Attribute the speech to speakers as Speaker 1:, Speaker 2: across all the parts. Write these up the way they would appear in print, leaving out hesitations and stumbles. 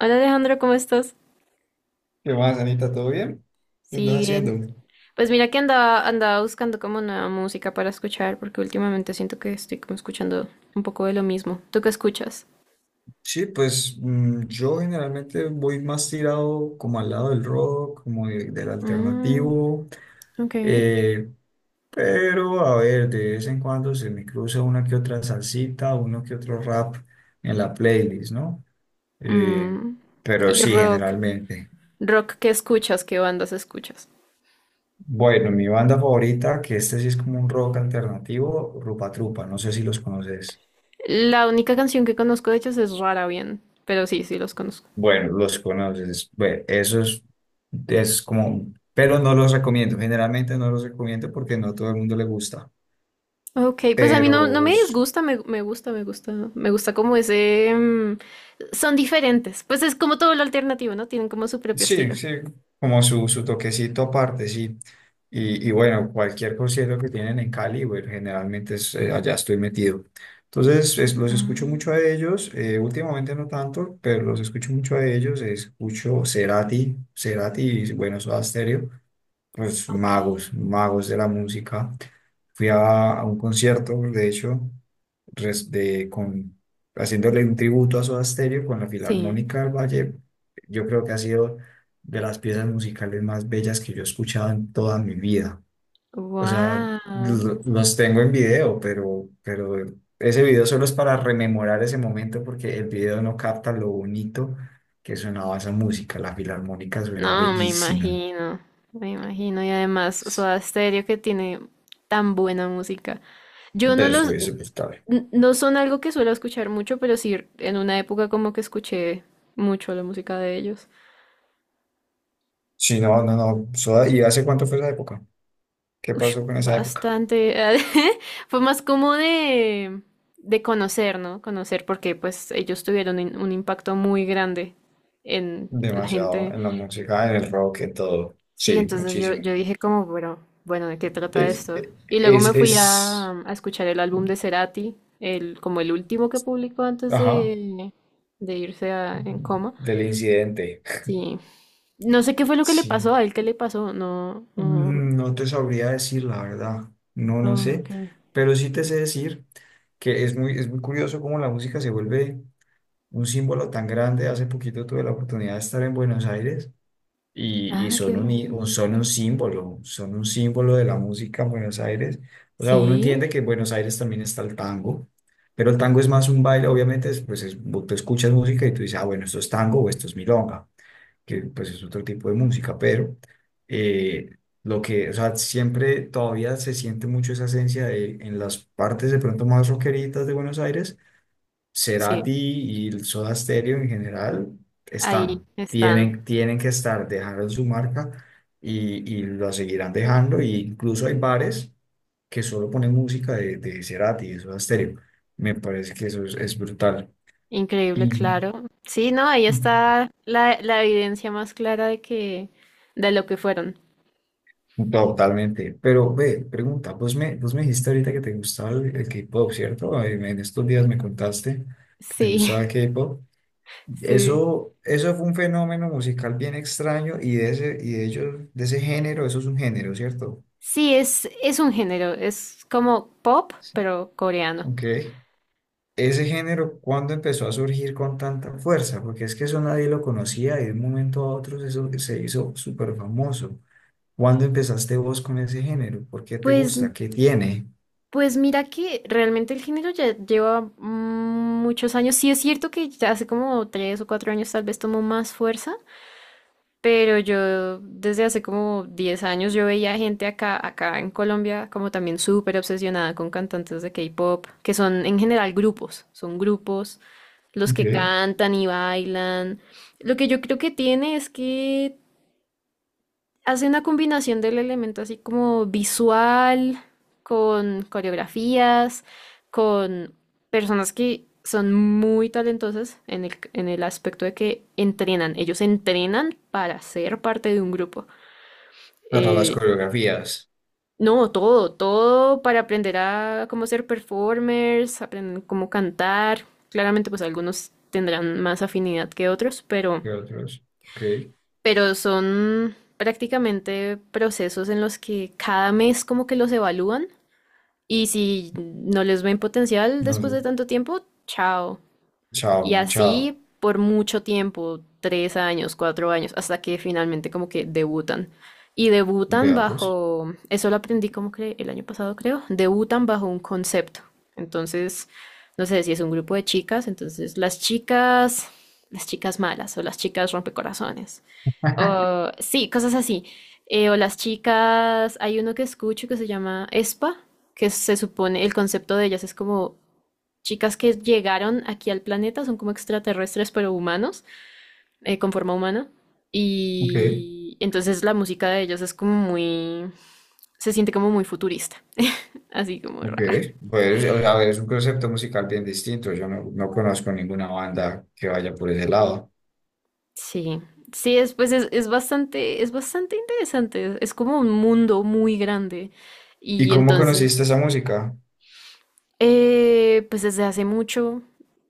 Speaker 1: Hola Alejandro, ¿cómo estás?
Speaker 2: ¿Qué más, Anita? ¿Todo bien? ¿Qué estás
Speaker 1: Sí,
Speaker 2: haciendo?
Speaker 1: bien. Pues mira que andaba buscando como nueva música para escuchar, porque últimamente siento que estoy como escuchando un poco de lo mismo. ¿Tú qué escuchas?
Speaker 2: Yo generalmente voy más tirado como al lado del rock, como del
Speaker 1: Mm,
Speaker 2: alternativo.
Speaker 1: ok.
Speaker 2: Eh, pero a ver, de vez en cuando se me cruza una que otra salsita, uno que otro rap en la playlist, ¿no? Eh,
Speaker 1: Mm,
Speaker 2: pero
Speaker 1: y
Speaker 2: sí,
Speaker 1: rock.
Speaker 2: generalmente.
Speaker 1: Rock, ¿qué escuchas? ¿Qué bandas escuchas?
Speaker 2: Bueno, mi banda favorita, que este sí es como un rock alternativo, Rupa Trupa, no sé si los conoces.
Speaker 1: La única canción que conozco de ellos es Rara Bien, pero sí, sí los conozco.
Speaker 2: Bueno, los conoces. Bueno, eso es como, pero no los recomiendo. Generalmente no los recomiendo porque no todo el mundo le gusta.
Speaker 1: Ok, pues a mí no, no
Speaker 2: Pero
Speaker 1: me
Speaker 2: s-
Speaker 1: disgusta, me gusta, me gusta, me gusta como ese. Son diferentes, pues es como todo lo alternativo, ¿no? Tienen como su propio
Speaker 2: sí,
Speaker 1: estilo.
Speaker 2: sí, como su toquecito aparte, sí. Y bueno, cualquier concierto que tienen en Cali, bueno, generalmente es, allá estoy metido. Entonces, los escucho mucho a
Speaker 1: Ah.
Speaker 2: ellos. Últimamente no tanto, pero los escucho mucho a ellos. Escucho Cerati y bueno, Soda Stereo. Pues
Speaker 1: Ok,
Speaker 2: magos, magos de la música. Fui a un concierto, de hecho, res- de, con, haciéndole un tributo a Soda Stereo con la
Speaker 1: sí.
Speaker 2: Filarmónica del Valle. Yo creo que ha sido de las piezas musicales más bellas que yo he escuchado en toda mi vida. O sea,
Speaker 1: Wow.
Speaker 2: los tengo en video, pero ese video solo es para rememorar ese momento porque el video no capta lo bonito que sonaba esa música. La Filarmónica suena
Speaker 1: No, me
Speaker 2: bellísimo.
Speaker 1: imagino, me imagino. Y además, Soda Stereo que tiene tan buena música. Yo no
Speaker 2: De
Speaker 1: los,
Speaker 2: hubiese pues claro.
Speaker 1: no son algo que suelo escuchar mucho, pero sí en una época como que escuché mucho la música de ellos.
Speaker 2: Sí, no, no, no. Soda- ¿Y hace cuánto fue esa época? ¿Qué
Speaker 1: Ush,
Speaker 2: pasó con esa época?
Speaker 1: bastante. Fue más como de conocer, ¿no? Conocer porque pues ellos tuvieron un impacto muy grande en la
Speaker 2: Demasiado
Speaker 1: gente.
Speaker 2: en la música, en el rock, en todo.
Speaker 1: Sí,
Speaker 2: Sí,
Speaker 1: entonces yo,
Speaker 2: muchísimo.
Speaker 1: yo dije como, bueno, bueno, ¿de qué trata
Speaker 2: Es,
Speaker 1: esto? Y luego
Speaker 2: es,
Speaker 1: me fui
Speaker 2: es,
Speaker 1: a escuchar el álbum de Cerati, el, como el último que publicó antes
Speaker 2: ajá,
Speaker 1: de, en coma.
Speaker 2: del incidente.
Speaker 1: Sí. No sé qué fue lo que le pasó,
Speaker 2: Sí.
Speaker 1: a él qué le pasó, no, no.
Speaker 2: Mm, no te sabría decir la verdad. No, no
Speaker 1: Ah, ok.
Speaker 2: sé. Pero sí te sé decir que es muy curioso cómo la música se vuelve un símbolo tan grande. Hace poquito tuve la oportunidad de estar en Buenos Aires y
Speaker 1: Ah, qué
Speaker 2: son un,
Speaker 1: bien.
Speaker 2: son un símbolo de la música en Buenos Aires. O sea, uno
Speaker 1: Sí,
Speaker 2: entiende que en Buenos Aires también está el tango, pero el tango es más un baile, obviamente, es, pues vos te escuchas música y tú dices, ah, bueno, esto es tango o esto es milonga, que pues es otro tipo de música, pero eh, lo que, o sea, siempre todavía se siente mucho esa esencia de, en las partes de pronto más rockeritas de Buenos Aires.
Speaker 1: sí,
Speaker 2: Cerati y el Soda Stereo en general están,
Speaker 1: ahí están.
Speaker 2: tienen que estar, dejaron su marca y la seguirán dejando. Y incluso hay bares que solo ponen música de Cerati y de Soda Stereo. Me parece que eso es brutal.
Speaker 1: Increíble,
Speaker 2: Y
Speaker 1: claro. Sí, no, ahí está la, la evidencia más clara de que, de lo que fueron.
Speaker 2: totalmente. Pero ve, pregunta, vos me dijiste ahorita que te gustaba el K-pop, ¿cierto? En estos días me contaste que te
Speaker 1: Sí,
Speaker 2: gustaba el K-pop.
Speaker 1: sí.
Speaker 2: Eso fue un fenómeno musical bien extraño y de ese, y de ellos, de ese género, eso es un género, ¿cierto?
Speaker 1: Sí, es un género, es como pop,
Speaker 2: Sí.
Speaker 1: pero coreano.
Speaker 2: Ok. Ese género, ¿cuándo empezó a surgir con tanta fuerza? Porque es que eso nadie lo conocía y de un momento a otro eso se hizo súper famoso. ¿Cuándo empezaste vos con ese género? ¿Por qué te
Speaker 1: Pues,
Speaker 2: gusta? ¿Qué tiene?
Speaker 1: pues mira que realmente el género ya lleva muchos años. Sí es cierto que ya hace como 3 o 4 años tal vez tomó más fuerza, pero yo desde hace como 10 años yo veía gente acá, acá en Colombia como también súper obsesionada con cantantes de K-pop, que son en general grupos, son grupos los
Speaker 2: Ok.
Speaker 1: que cantan y bailan. Lo que yo creo que tiene es que hace una combinación del elemento así como visual, con coreografías, con personas que son muy talentosas en el aspecto de que entrenan. Ellos entrenan para ser parte de un grupo.
Speaker 2: Para las
Speaker 1: Eh,
Speaker 2: coreografías.
Speaker 1: no, todo, todo para aprender a cómo ser performers, aprender cómo cantar. Claramente, pues algunos tendrán más afinidad que otros,
Speaker 2: ¿Qué otros? Ok.
Speaker 1: pero son prácticamente procesos en los que cada mes como que los evalúan y si no les ven potencial
Speaker 2: No
Speaker 1: después
Speaker 2: sé.
Speaker 1: de tanto tiempo, chao.
Speaker 2: Chao,
Speaker 1: Y
Speaker 2: mochado.
Speaker 1: así por mucho tiempo, 3 años, 4 años, hasta que finalmente como que debutan. Y debutan
Speaker 2: Vea pues.
Speaker 1: bajo, eso lo aprendí como que el año pasado creo, debutan bajo un concepto. Entonces, no sé si es un grupo de chicas, entonces las chicas malas o las chicas rompecorazones o, sí, cosas así. O las chicas, hay uno que escucho que se llama ESPA, que se supone, el concepto de ellas es como chicas que llegaron aquí al planeta, son como extraterrestres, pero humanos, con forma humana.
Speaker 2: Ok.
Speaker 1: Y entonces la música de ellas es como muy, se siente como muy futurista, así como
Speaker 2: Ok,
Speaker 1: rara.
Speaker 2: pues o sea, es un concepto musical bien distinto. Yo no, no conozco ninguna banda que vaya por ese lado.
Speaker 1: Sí, sí, es, pues es bastante interesante, es como un mundo muy grande.
Speaker 2: ¿Y
Speaker 1: Y
Speaker 2: cómo
Speaker 1: entonces...
Speaker 2: conociste esa música?
Speaker 1: Pues desde hace mucho,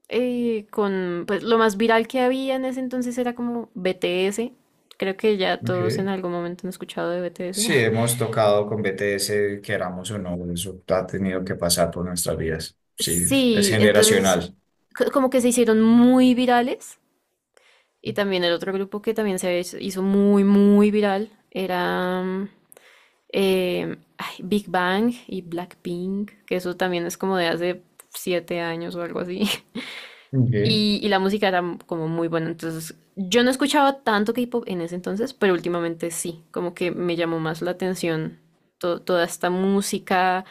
Speaker 1: con pues lo más viral que había en ese entonces era como BTS. Creo que ya todos en
Speaker 2: Ok.
Speaker 1: algún momento han escuchado de BTS.
Speaker 2: Sí, hemos tocado con BTS, queramos o no, eso ha tenido que pasar por nuestras vidas. Sí, es
Speaker 1: Sí, entonces
Speaker 2: generacional.
Speaker 1: como que se hicieron muy virales. Y también el otro grupo que también se hizo muy, muy viral era ay, Big Bang y Blackpink, que eso también es como de hace 7 años o algo así.
Speaker 2: Ok.
Speaker 1: Y, y la música era como muy buena. Entonces, yo no escuchaba tanto K-pop en ese entonces, pero últimamente sí, como que me llamó más la atención toda esta música,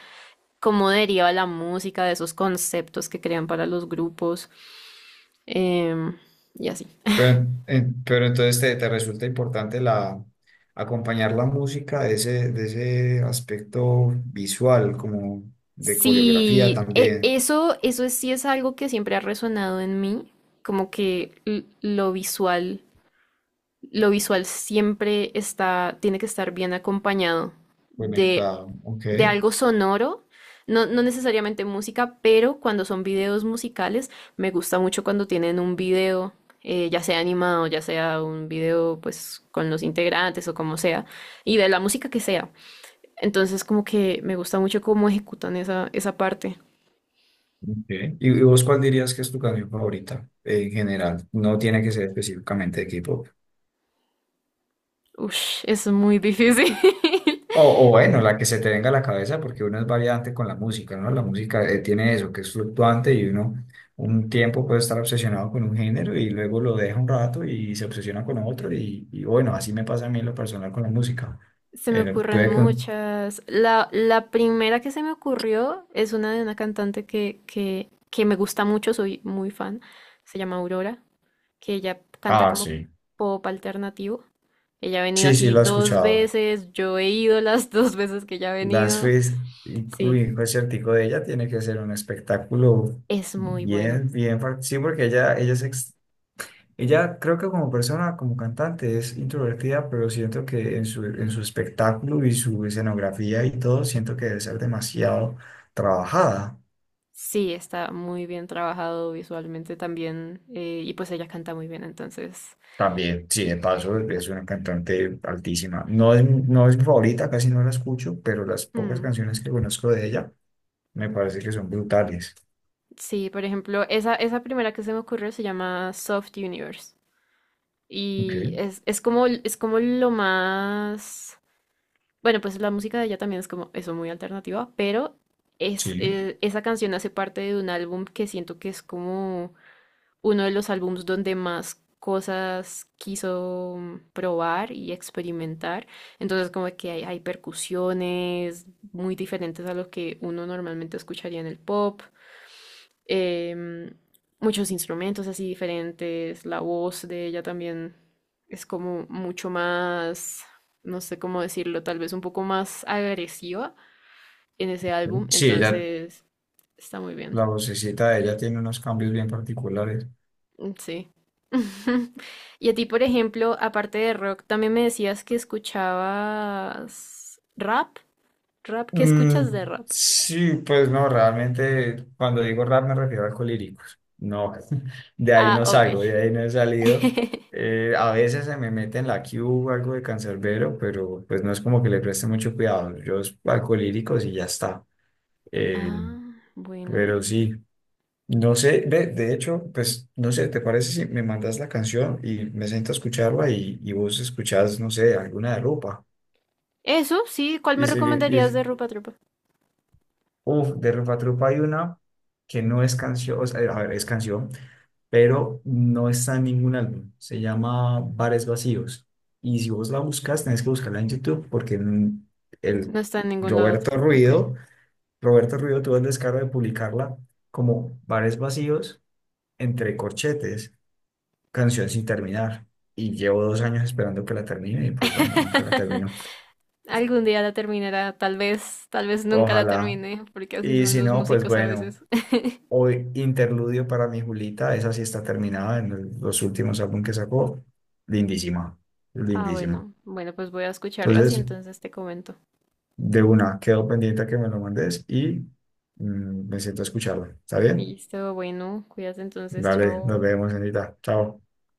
Speaker 1: cómo deriva la música de esos conceptos que crean para los grupos, em, y así.
Speaker 2: Pero entonces te resulta importante la, acompañar la música de ese aspecto visual, como de coreografía
Speaker 1: Sí,
Speaker 2: también
Speaker 1: eso, eso sí es algo que siempre ha resonado en mí, como que lo visual siempre está, tiene que estar bien acompañado de
Speaker 2: conectado. Ok.
Speaker 1: de algo sonoro, no, no necesariamente música, pero cuando son videos musicales, me gusta mucho cuando tienen un video, ya sea animado, ya sea un video pues con los integrantes o como sea, y de la música que sea. Entonces como que me gusta mucho cómo ejecutan esa, esa parte.
Speaker 2: Ok. ¿Y vos cuál dirías que es tu canción favorita en general? No tiene que ser específicamente de K-pop.
Speaker 1: Ush, es muy difícil.
Speaker 2: O bueno, la que se te venga a la cabeza, porque uno es variante con la música, ¿no? La música tiene eso, que es fluctuante y uno un tiempo puede estar obsesionado con un género y luego lo deja un rato y se obsesiona con otro y bueno, así me pasa a mí en lo personal con la música.
Speaker 1: Se me
Speaker 2: Eh,
Speaker 1: ocurren
Speaker 2: puede que un-
Speaker 1: muchas. La primera que se me ocurrió es una de una cantante que me gusta mucho, soy muy fan. Se llama Aurora. Que ella canta
Speaker 2: Ah,
Speaker 1: como
Speaker 2: sí.
Speaker 1: pop alternativo. Ella ha venido
Speaker 2: Sí, sí,
Speaker 1: aquí
Speaker 2: lo he
Speaker 1: dos
Speaker 2: escuchado.
Speaker 1: veces, yo he ido las dos veces que ella ha
Speaker 2: Das
Speaker 1: venido.
Speaker 2: Fest, uy,
Speaker 1: Sí,
Speaker 2: un conciertico de ella tiene que ser un espectáculo
Speaker 1: es muy bueno.
Speaker 2: bien, bien, fuerte. Sí, porque ella ella creo que como persona, como cantante es introvertida, pero siento que en en su espectáculo y su escenografía y todo, siento que debe ser demasiado trabajada.
Speaker 1: Sí, está muy bien trabajado visualmente también y pues ella canta muy bien, entonces...
Speaker 2: También, sí, de paso es una cantante altísima. No es, no es mi favorita, casi no la escucho, pero las pocas
Speaker 1: mm,
Speaker 2: canciones que conozco de ella me parece que son brutales.
Speaker 1: sí, por ejemplo, esa primera que se me ocurrió se llama Soft Universe y
Speaker 2: Ok,
Speaker 1: es como lo más... Bueno, pues la música de ella también es como eso, muy alternativa, pero es,
Speaker 2: sí.
Speaker 1: esa canción hace parte de un álbum que siento que es como uno de los álbums donde más cosas quiso probar y experimentar. Entonces como que hay percusiones muy diferentes a lo que uno normalmente escucharía en el pop em, muchos instrumentos así diferentes, la voz de ella también es como mucho más, no sé cómo decirlo, tal vez un poco más agresiva en ese álbum,
Speaker 2: Sí, ella
Speaker 1: entonces está muy bien.
Speaker 2: La vocecita de ella tiene unos cambios bien particulares.
Speaker 1: Mm, sí. Y a ti, por ejemplo, aparte de rock, también me decías que escuchabas rap, rap, ¿qué escuchas de
Speaker 2: Mm,
Speaker 1: rap?
Speaker 2: sí, pues no, realmente cuando digo rap me refiero a colíricos. No, de ahí
Speaker 1: Ah,
Speaker 2: no
Speaker 1: ok.
Speaker 2: salgo, de ahí no he salido. A veces se me mete en la Q algo de cancerbero, pero pues no es como que le preste mucho cuidado. Yo es alcolíricos y ya está. Eh,
Speaker 1: Ah, bueno.
Speaker 2: pero sí, no sé, de hecho, pues no sé, ¿te parece si me mandas la canción y me siento a escucharla y vos escuchás, no sé, alguna de Rupa?
Speaker 1: Eso, sí, ¿cuál me
Speaker 2: Y, sigue-
Speaker 1: recomendarías de
Speaker 2: y
Speaker 1: Rupa Trupa?
Speaker 2: Uff, de Rupa Trupa hay una que no es canción, o sea, a ver, es canción, pero no está en ningún álbum. Se llama Bares Vacíos. Y si vos la buscas, tenés que buscarla en YouTube porque en- el
Speaker 1: No está en ningún lado.
Speaker 2: Roberto
Speaker 1: Ok.
Speaker 2: Roberto Ruido tuvo el descaro de publicarla como Bares Vacíos entre corchetes, canción sin terminar. Y llevo 2 años esperando que la termine y pues bueno, nunca la termino.
Speaker 1: Algún día la terminará, tal vez nunca la
Speaker 2: Ojalá.
Speaker 1: termine, porque así
Speaker 2: Y
Speaker 1: son
Speaker 2: si
Speaker 1: los
Speaker 2: no, pues
Speaker 1: músicos a
Speaker 2: bueno.
Speaker 1: veces.
Speaker 2: O Interludio para mi Julita, esa sí está terminada en los últimos álbumes que sacó. Lindísima,
Speaker 1: Ah,
Speaker 2: lindísima.
Speaker 1: bueno, bueno, pues voy a escucharlas y
Speaker 2: Entonces,
Speaker 1: entonces te comento.
Speaker 2: de una, quedo pendiente a que me lo mandes y mm, me siento a escucharlo. ¿Está bien?
Speaker 1: Listo, bueno, cuídate entonces,
Speaker 2: Dale, nos
Speaker 1: chao.
Speaker 2: vemos, señorita. Chao.